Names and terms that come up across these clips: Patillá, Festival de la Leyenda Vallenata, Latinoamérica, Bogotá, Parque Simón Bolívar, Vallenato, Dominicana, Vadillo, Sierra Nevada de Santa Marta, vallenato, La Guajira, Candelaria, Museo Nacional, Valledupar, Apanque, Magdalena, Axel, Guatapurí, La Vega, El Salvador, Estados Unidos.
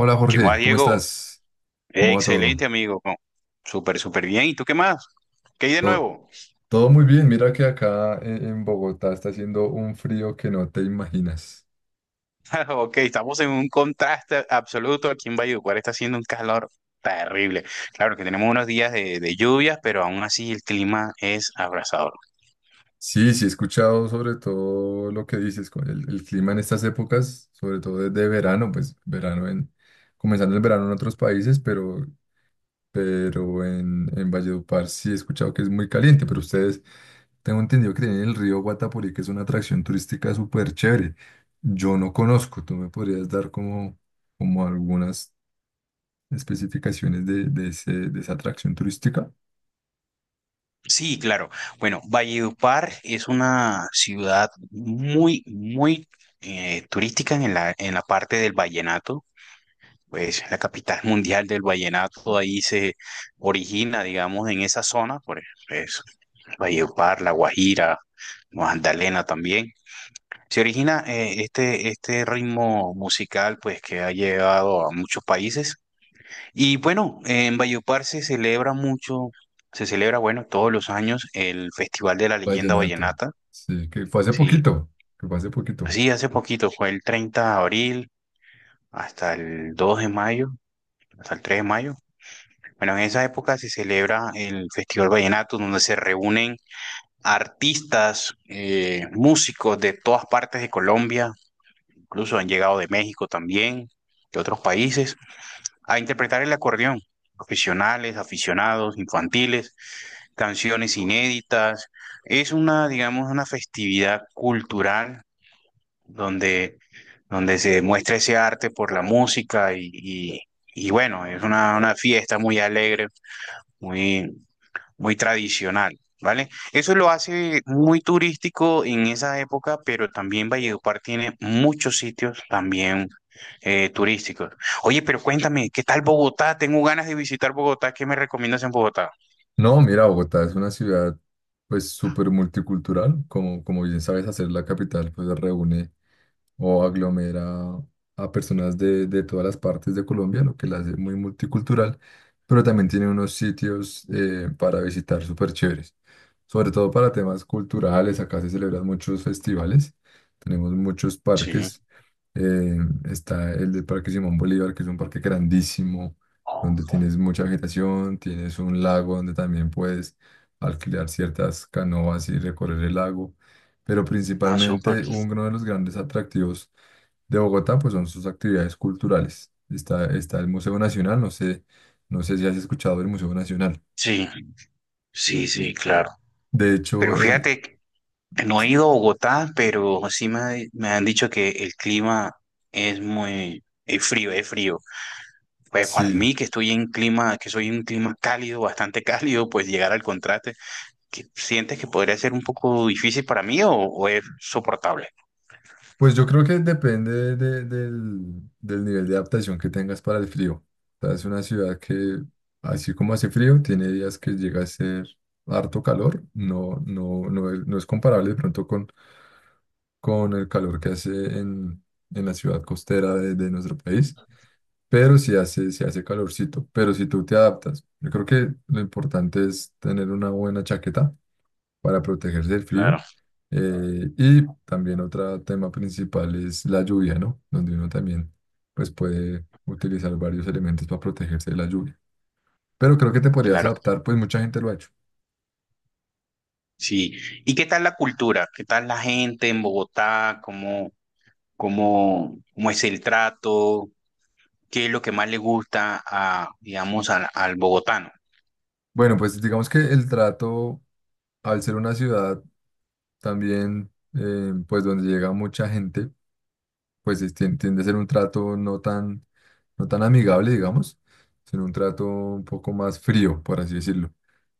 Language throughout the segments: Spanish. Hola ¿Qué más, Jorge, ¿cómo Diego? estás? Eh, ¿Cómo va todo? Excelente, amigo. No, Súper bien. ¿Y tú qué más? ¿Qué hay de Todo, nuevo? todo muy bien, mira que acá en Bogotá está haciendo un frío que no te imaginas. Ok, estamos en un contraste absoluto aquí en Valledupar. Está haciendo un calor terrible. Claro que tenemos unos días de lluvias, pero aún así el clima es abrasador. Sí, sí, he escuchado sobre todo lo que dices, con el clima en estas épocas, sobre todo de verano, pues verano en, comenzando el verano en otros países, pero en Valledupar sí he escuchado que es muy caliente, pero ustedes, tengo entendido que tienen el río Guatapurí, que es una atracción turística súper chévere. Yo no conozco, tú me podrías dar como, como algunas especificaciones de de esa atracción turística. Sí, claro. Bueno, Valledupar es una ciudad muy, muy turística en la parte del vallenato. Pues la capital mundial del vallenato ahí se origina, digamos, en esa zona, por eso. Valledupar, La Guajira, Magdalena también. Se origina este ritmo musical pues que ha llegado a muchos países. Y bueno, en Valledupar se celebra mucho, se celebra bueno todos los años el Festival de la Leyenda Vallenato. Vallenata. Sí, que fue hace Sí, poquito, que fue hace poquito. sí, hace poquito fue el 30 de abril hasta el 2 de mayo, hasta el 3 de mayo. Bueno, en esa época se celebra el Festival Vallenato, donde se reúnen artistas, músicos de todas partes de Colombia, incluso han llegado de México también, de otros países, a interpretar el acordeón, profesionales, aficionados, infantiles, canciones inéditas. Es una, digamos, una festividad cultural donde, donde se muestra ese arte por la música y bueno, es una fiesta muy alegre, muy, muy tradicional, ¿vale? Eso lo hace muy turístico en esa época, pero también Valledupar tiene muchos sitios también turísticos. Oye, pero cuéntame, ¿qué tal Bogotá? Tengo ganas de visitar Bogotá. ¿Qué me recomiendas en Bogotá? No, mira, Bogotá es una ciudad pues súper multicultural, como, como bien sabes, hacer la capital pues reúne o aglomera a personas de todas las partes de Colombia, lo que la hace muy multicultural, pero también tiene unos sitios para visitar súper chéveres, sobre todo para temas culturales, acá se celebran muchos festivales, tenemos muchos Sí, parques, eh, está el del Parque Simón Bolívar, que es un parque grandísimo, donde tienes mucha vegetación, tienes un lago donde también puedes alquilar ciertas canoas y recorrer el lago, pero ah, súper. principalmente uno de los grandes atractivos de Bogotá pues son sus actividades culturales. Está, está el Museo Nacional, no sé, no sé si has escuchado del Museo Nacional. Sí, sí, sí, claro. De hecho, Pero fíjate, que no he s- ido a Bogotá, pero sí me han dicho que el clima es muy es frío, es frío. Pues para sí, mí, que estoy en clima, que soy un clima cálido, bastante cálido, pues llegar al contraste, que ¿sientes que podría ser un poco difícil para mí o es soportable? pues yo creo que depende del, del nivel de adaptación que tengas para el frío. O sea, es una ciudad que, así como hace frío, tiene días que llega a ser harto calor. No, no, no, es, no es comparable de pronto con el calor que hace en, en la ciudad costera de nuestro país. Pero sí hace calorcito, pero si tú te adaptas, yo creo que lo importante es tener una buena chaqueta para protegerse del Claro, frío. Y también otro tema principal es la lluvia, ¿no? Donde uno también pues puede utilizar varios elementos para protegerse de la lluvia. Pero creo que te podrías claro. adaptar, pues mucha gente lo ha hecho. Sí. ¿Y qué tal la cultura? ¿Qué tal la gente en Bogotá? ¿Cómo, cómo, cómo es el trato? ¿Qué es lo que más le gusta a, digamos, al bogotano? Bueno, pues digamos que el trato, al ser una ciudad también, pues donde llega mucha gente pues tiende a ser un trato no tan, no tan amigable, digamos, sino un trato un poco más frío, por así decirlo,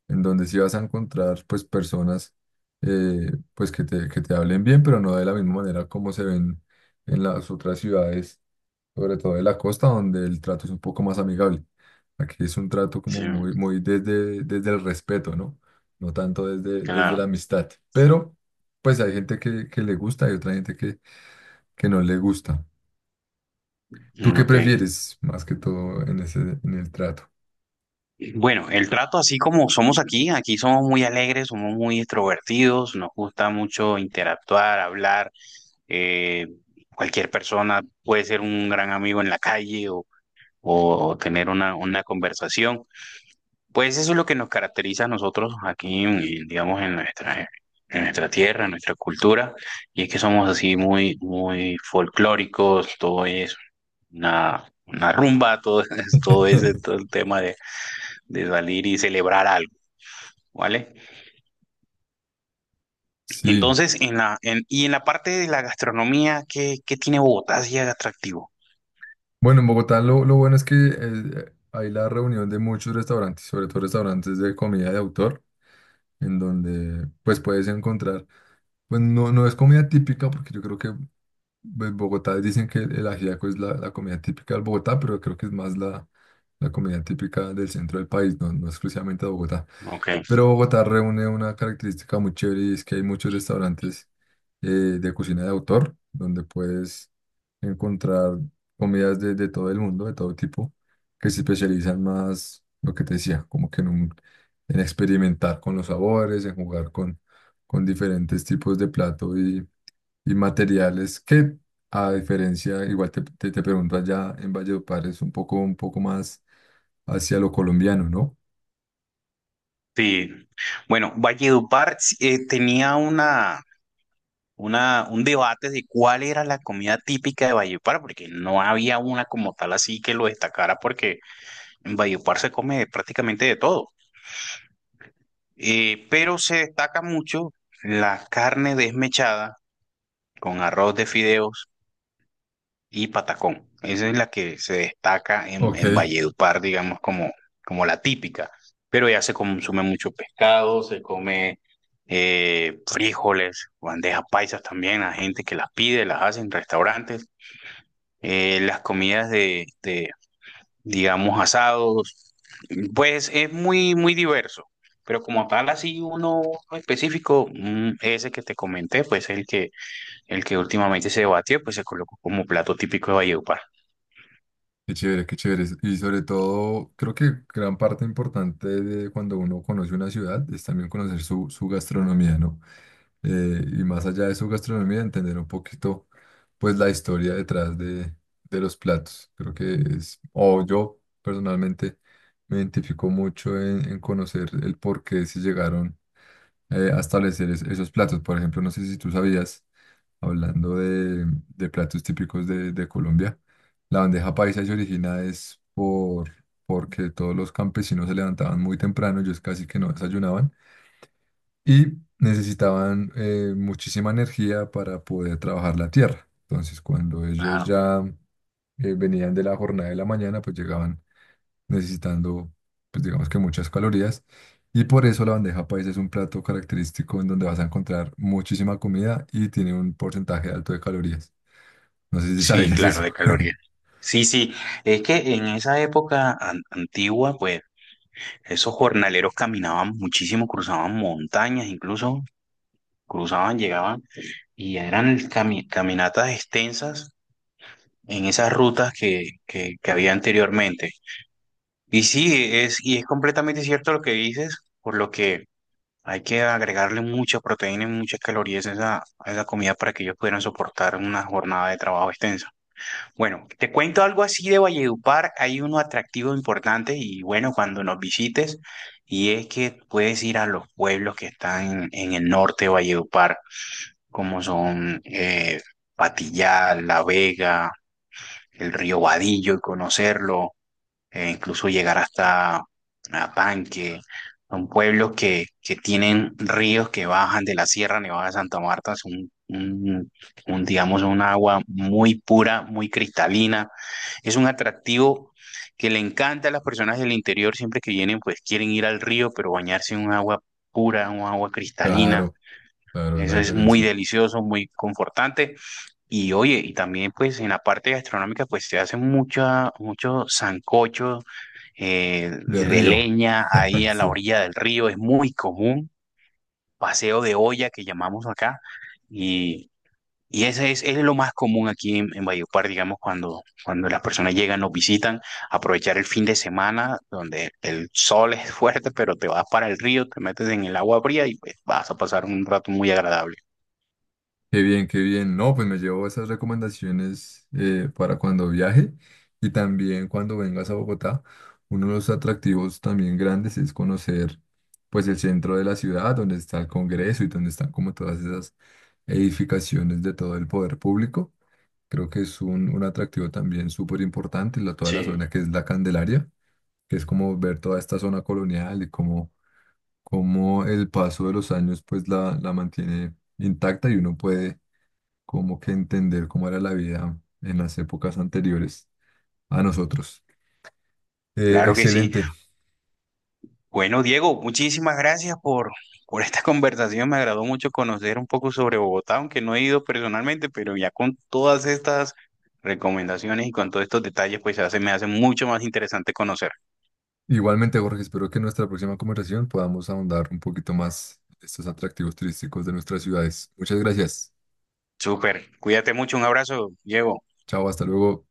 en donde sí vas a encontrar pues personas pues que te hablen bien, pero no de la misma manera como se ven en las otras ciudades, sobre todo de la costa, donde el trato es un poco más amigable. Aquí es un trato Sí, como muy, muy desde, desde el respeto, ¿no? No tanto desde, desde claro. la amistad, pero pues hay gente que le gusta y otra gente que no le gusta. ¿Tú Mm, qué Ok. prefieres más que todo en ese, en el trato? Bueno, el trato así como somos aquí, aquí somos muy alegres, somos muy extrovertidos, nos gusta mucho interactuar, hablar. eh, Cualquier persona puede ser un gran amigo en la calle o tener una conversación. Pues eso es lo que nos caracteriza a nosotros digamos, en nuestra tierra, en nuestra cultura, y es que somos así muy, muy folclóricos, todo es una rumba, todo es el tema de salir y celebrar algo. ¿Vale? Sí. Entonces, en y en la parte de la gastronomía, ¿qué, qué tiene Bogotá así de atractivo? Bueno, en Bogotá lo bueno es que hay la reunión de muchos restaurantes, sobre todo restaurantes de comida de autor, en donde pues puedes encontrar, pues no, no es comida típica, porque yo creo que en Bogotá dicen que el ajiaco es la, la comida típica del Bogotá, pero creo que es más la, la comida típica del centro del país, no, no exclusivamente de Bogotá. Ok, Pero Bogotá reúne una característica muy chévere y es que hay muchos restaurantes de cocina de autor, donde puedes encontrar comidas de todo el mundo, de todo tipo, que se especializan más, lo que te decía, como que en experimentar con los sabores, en jugar con diferentes tipos de plato y materiales que, a diferencia, igual te pregunto allá en Valledupar, es un poco más hacia lo colombiano, ¿no? sí. Bueno, Valledupar sí, tenía una, un debate de cuál era la comida típica de Valledupar, porque no había una como tal así que lo destacara, porque en Valledupar se come prácticamente de todo. Pero se destaca mucho la carne desmechada con arroz de fideo y Patacón. Esa es la que se destaca Ok, en Valledupar, digamos, como, como la típica. Pero ya se consume mucho pescado, se come frijoles, bandejas paisas también, a gente que las pide, las hace en restaurantes. Las comidas de digamos, asados, pues es muy, muy diverso. Pero como tal, así uno específico, mm, ese que te comenté, pues el que últimamente se debatió, pues se colocó como plato típico de Valledupar. qué chévere, qué chévere. Y sobre todo, creo que gran parte importante de cuando uno conoce una ciudad es también conocer su, su gastronomía, ¿no? Y más allá de su gastronomía, entender un poquito, pues, la historia detrás de los platos. Creo que es, o yo personalmente me identifico mucho en conocer el por qué se llegaron a establecer esos platos. Por ejemplo, no sé si tú sabías, hablando de platos típicos de Colombia, la bandeja paisa se origina es por, porque todos los campesinos se levantaban muy temprano, ellos casi que no desayunaban, y necesitaban muchísima energía para poder trabajar la tierra. Entonces, cuando ellos Claro. ya venían de la jornada de la mañana, pues llegaban necesitando, pues digamos que muchas calorías. Y por eso la bandeja paisa es un plato característico en donde vas a encontrar muchísima comida y tiene un porcentaje alto de calorías. No sé si Sí, sabías claro, eso. de calorías. Sí, sí, es que en esa época antigua, pues esos jornaleros caminaban muchísimo, cruzaban montañas, incluso cruzaban, llegaban y eran caminatas extensas en esas rutas que había anteriormente. Y sí, es, y es completamente cierto lo que dices, por lo que hay que agregarle mucha proteína y muchas calorías a esa comida para que ellos pudieran soportar una jornada de trabajo extensa. Bueno, te cuento algo así de Valledupar. Hay uno atractivo importante y bueno, cuando nos visites, y es que puedes ir a los pueblos que están en, el norte de Valledupar, como son Patillá, La Vega, el río Vadillo y conocerlo incluso llegar hasta Apanque, son pueblos que tienen ríos que bajan de la Sierra Nevada de Santa Marta, es un, digamos, un agua muy pura, muy cristalina, es un atractivo que le encanta a las personas del interior, siempre que vienen, pues quieren ir al río, pero bañarse en un agua pura, un agua cristalina, Claro, claro, es la eso es muy diferencia. delicioso, muy confortante. Y oye, y también pues en la parte gastronómica pues se hacen mucha, muchos sancochos De de río. leña ahí a la Sí. orilla del río, es muy común, paseo de olla que llamamos acá, y, y ese es lo más común aquí en Valledupar, digamos, cuando, cuando las personas llegan, nos visitan, aprovechar el fin de semana donde el sol es fuerte, pero te vas para el río, te metes en el agua fría y pues vas a pasar un rato muy agradable. Qué bien, qué bien. No, pues me llevo esas recomendaciones para cuando viaje y también cuando vengas a Bogotá. Uno de los atractivos también grandes es conocer pues el centro de la ciudad, donde está el Congreso y donde están como todas esas edificaciones de todo el poder público. Creo que es un atractivo también súper importante, la, toda la zona Sí, que es la Candelaria, que es como ver toda esta zona colonial y cómo, cómo el paso de los años pues la mantiene intacta y uno puede como que entender cómo era la vida en las épocas anteriores a nosotros. Claro que sí. Excelente. Bueno, Diego, muchísimas gracias por esta conversación. Me agradó mucho conocer un poco sobre Bogotá, aunque no he ido personalmente, pero ya con todas estas recomendaciones y con todos estos detalles, pues se hace, me hace mucho más interesante conocer. Igualmente, Jorge, espero que en nuestra próxima conversación podamos ahondar un poquito más estos atractivos turísticos de nuestras ciudades. Muchas gracias. Súper, cuídate mucho, un abrazo, Diego. Chao, hasta luego.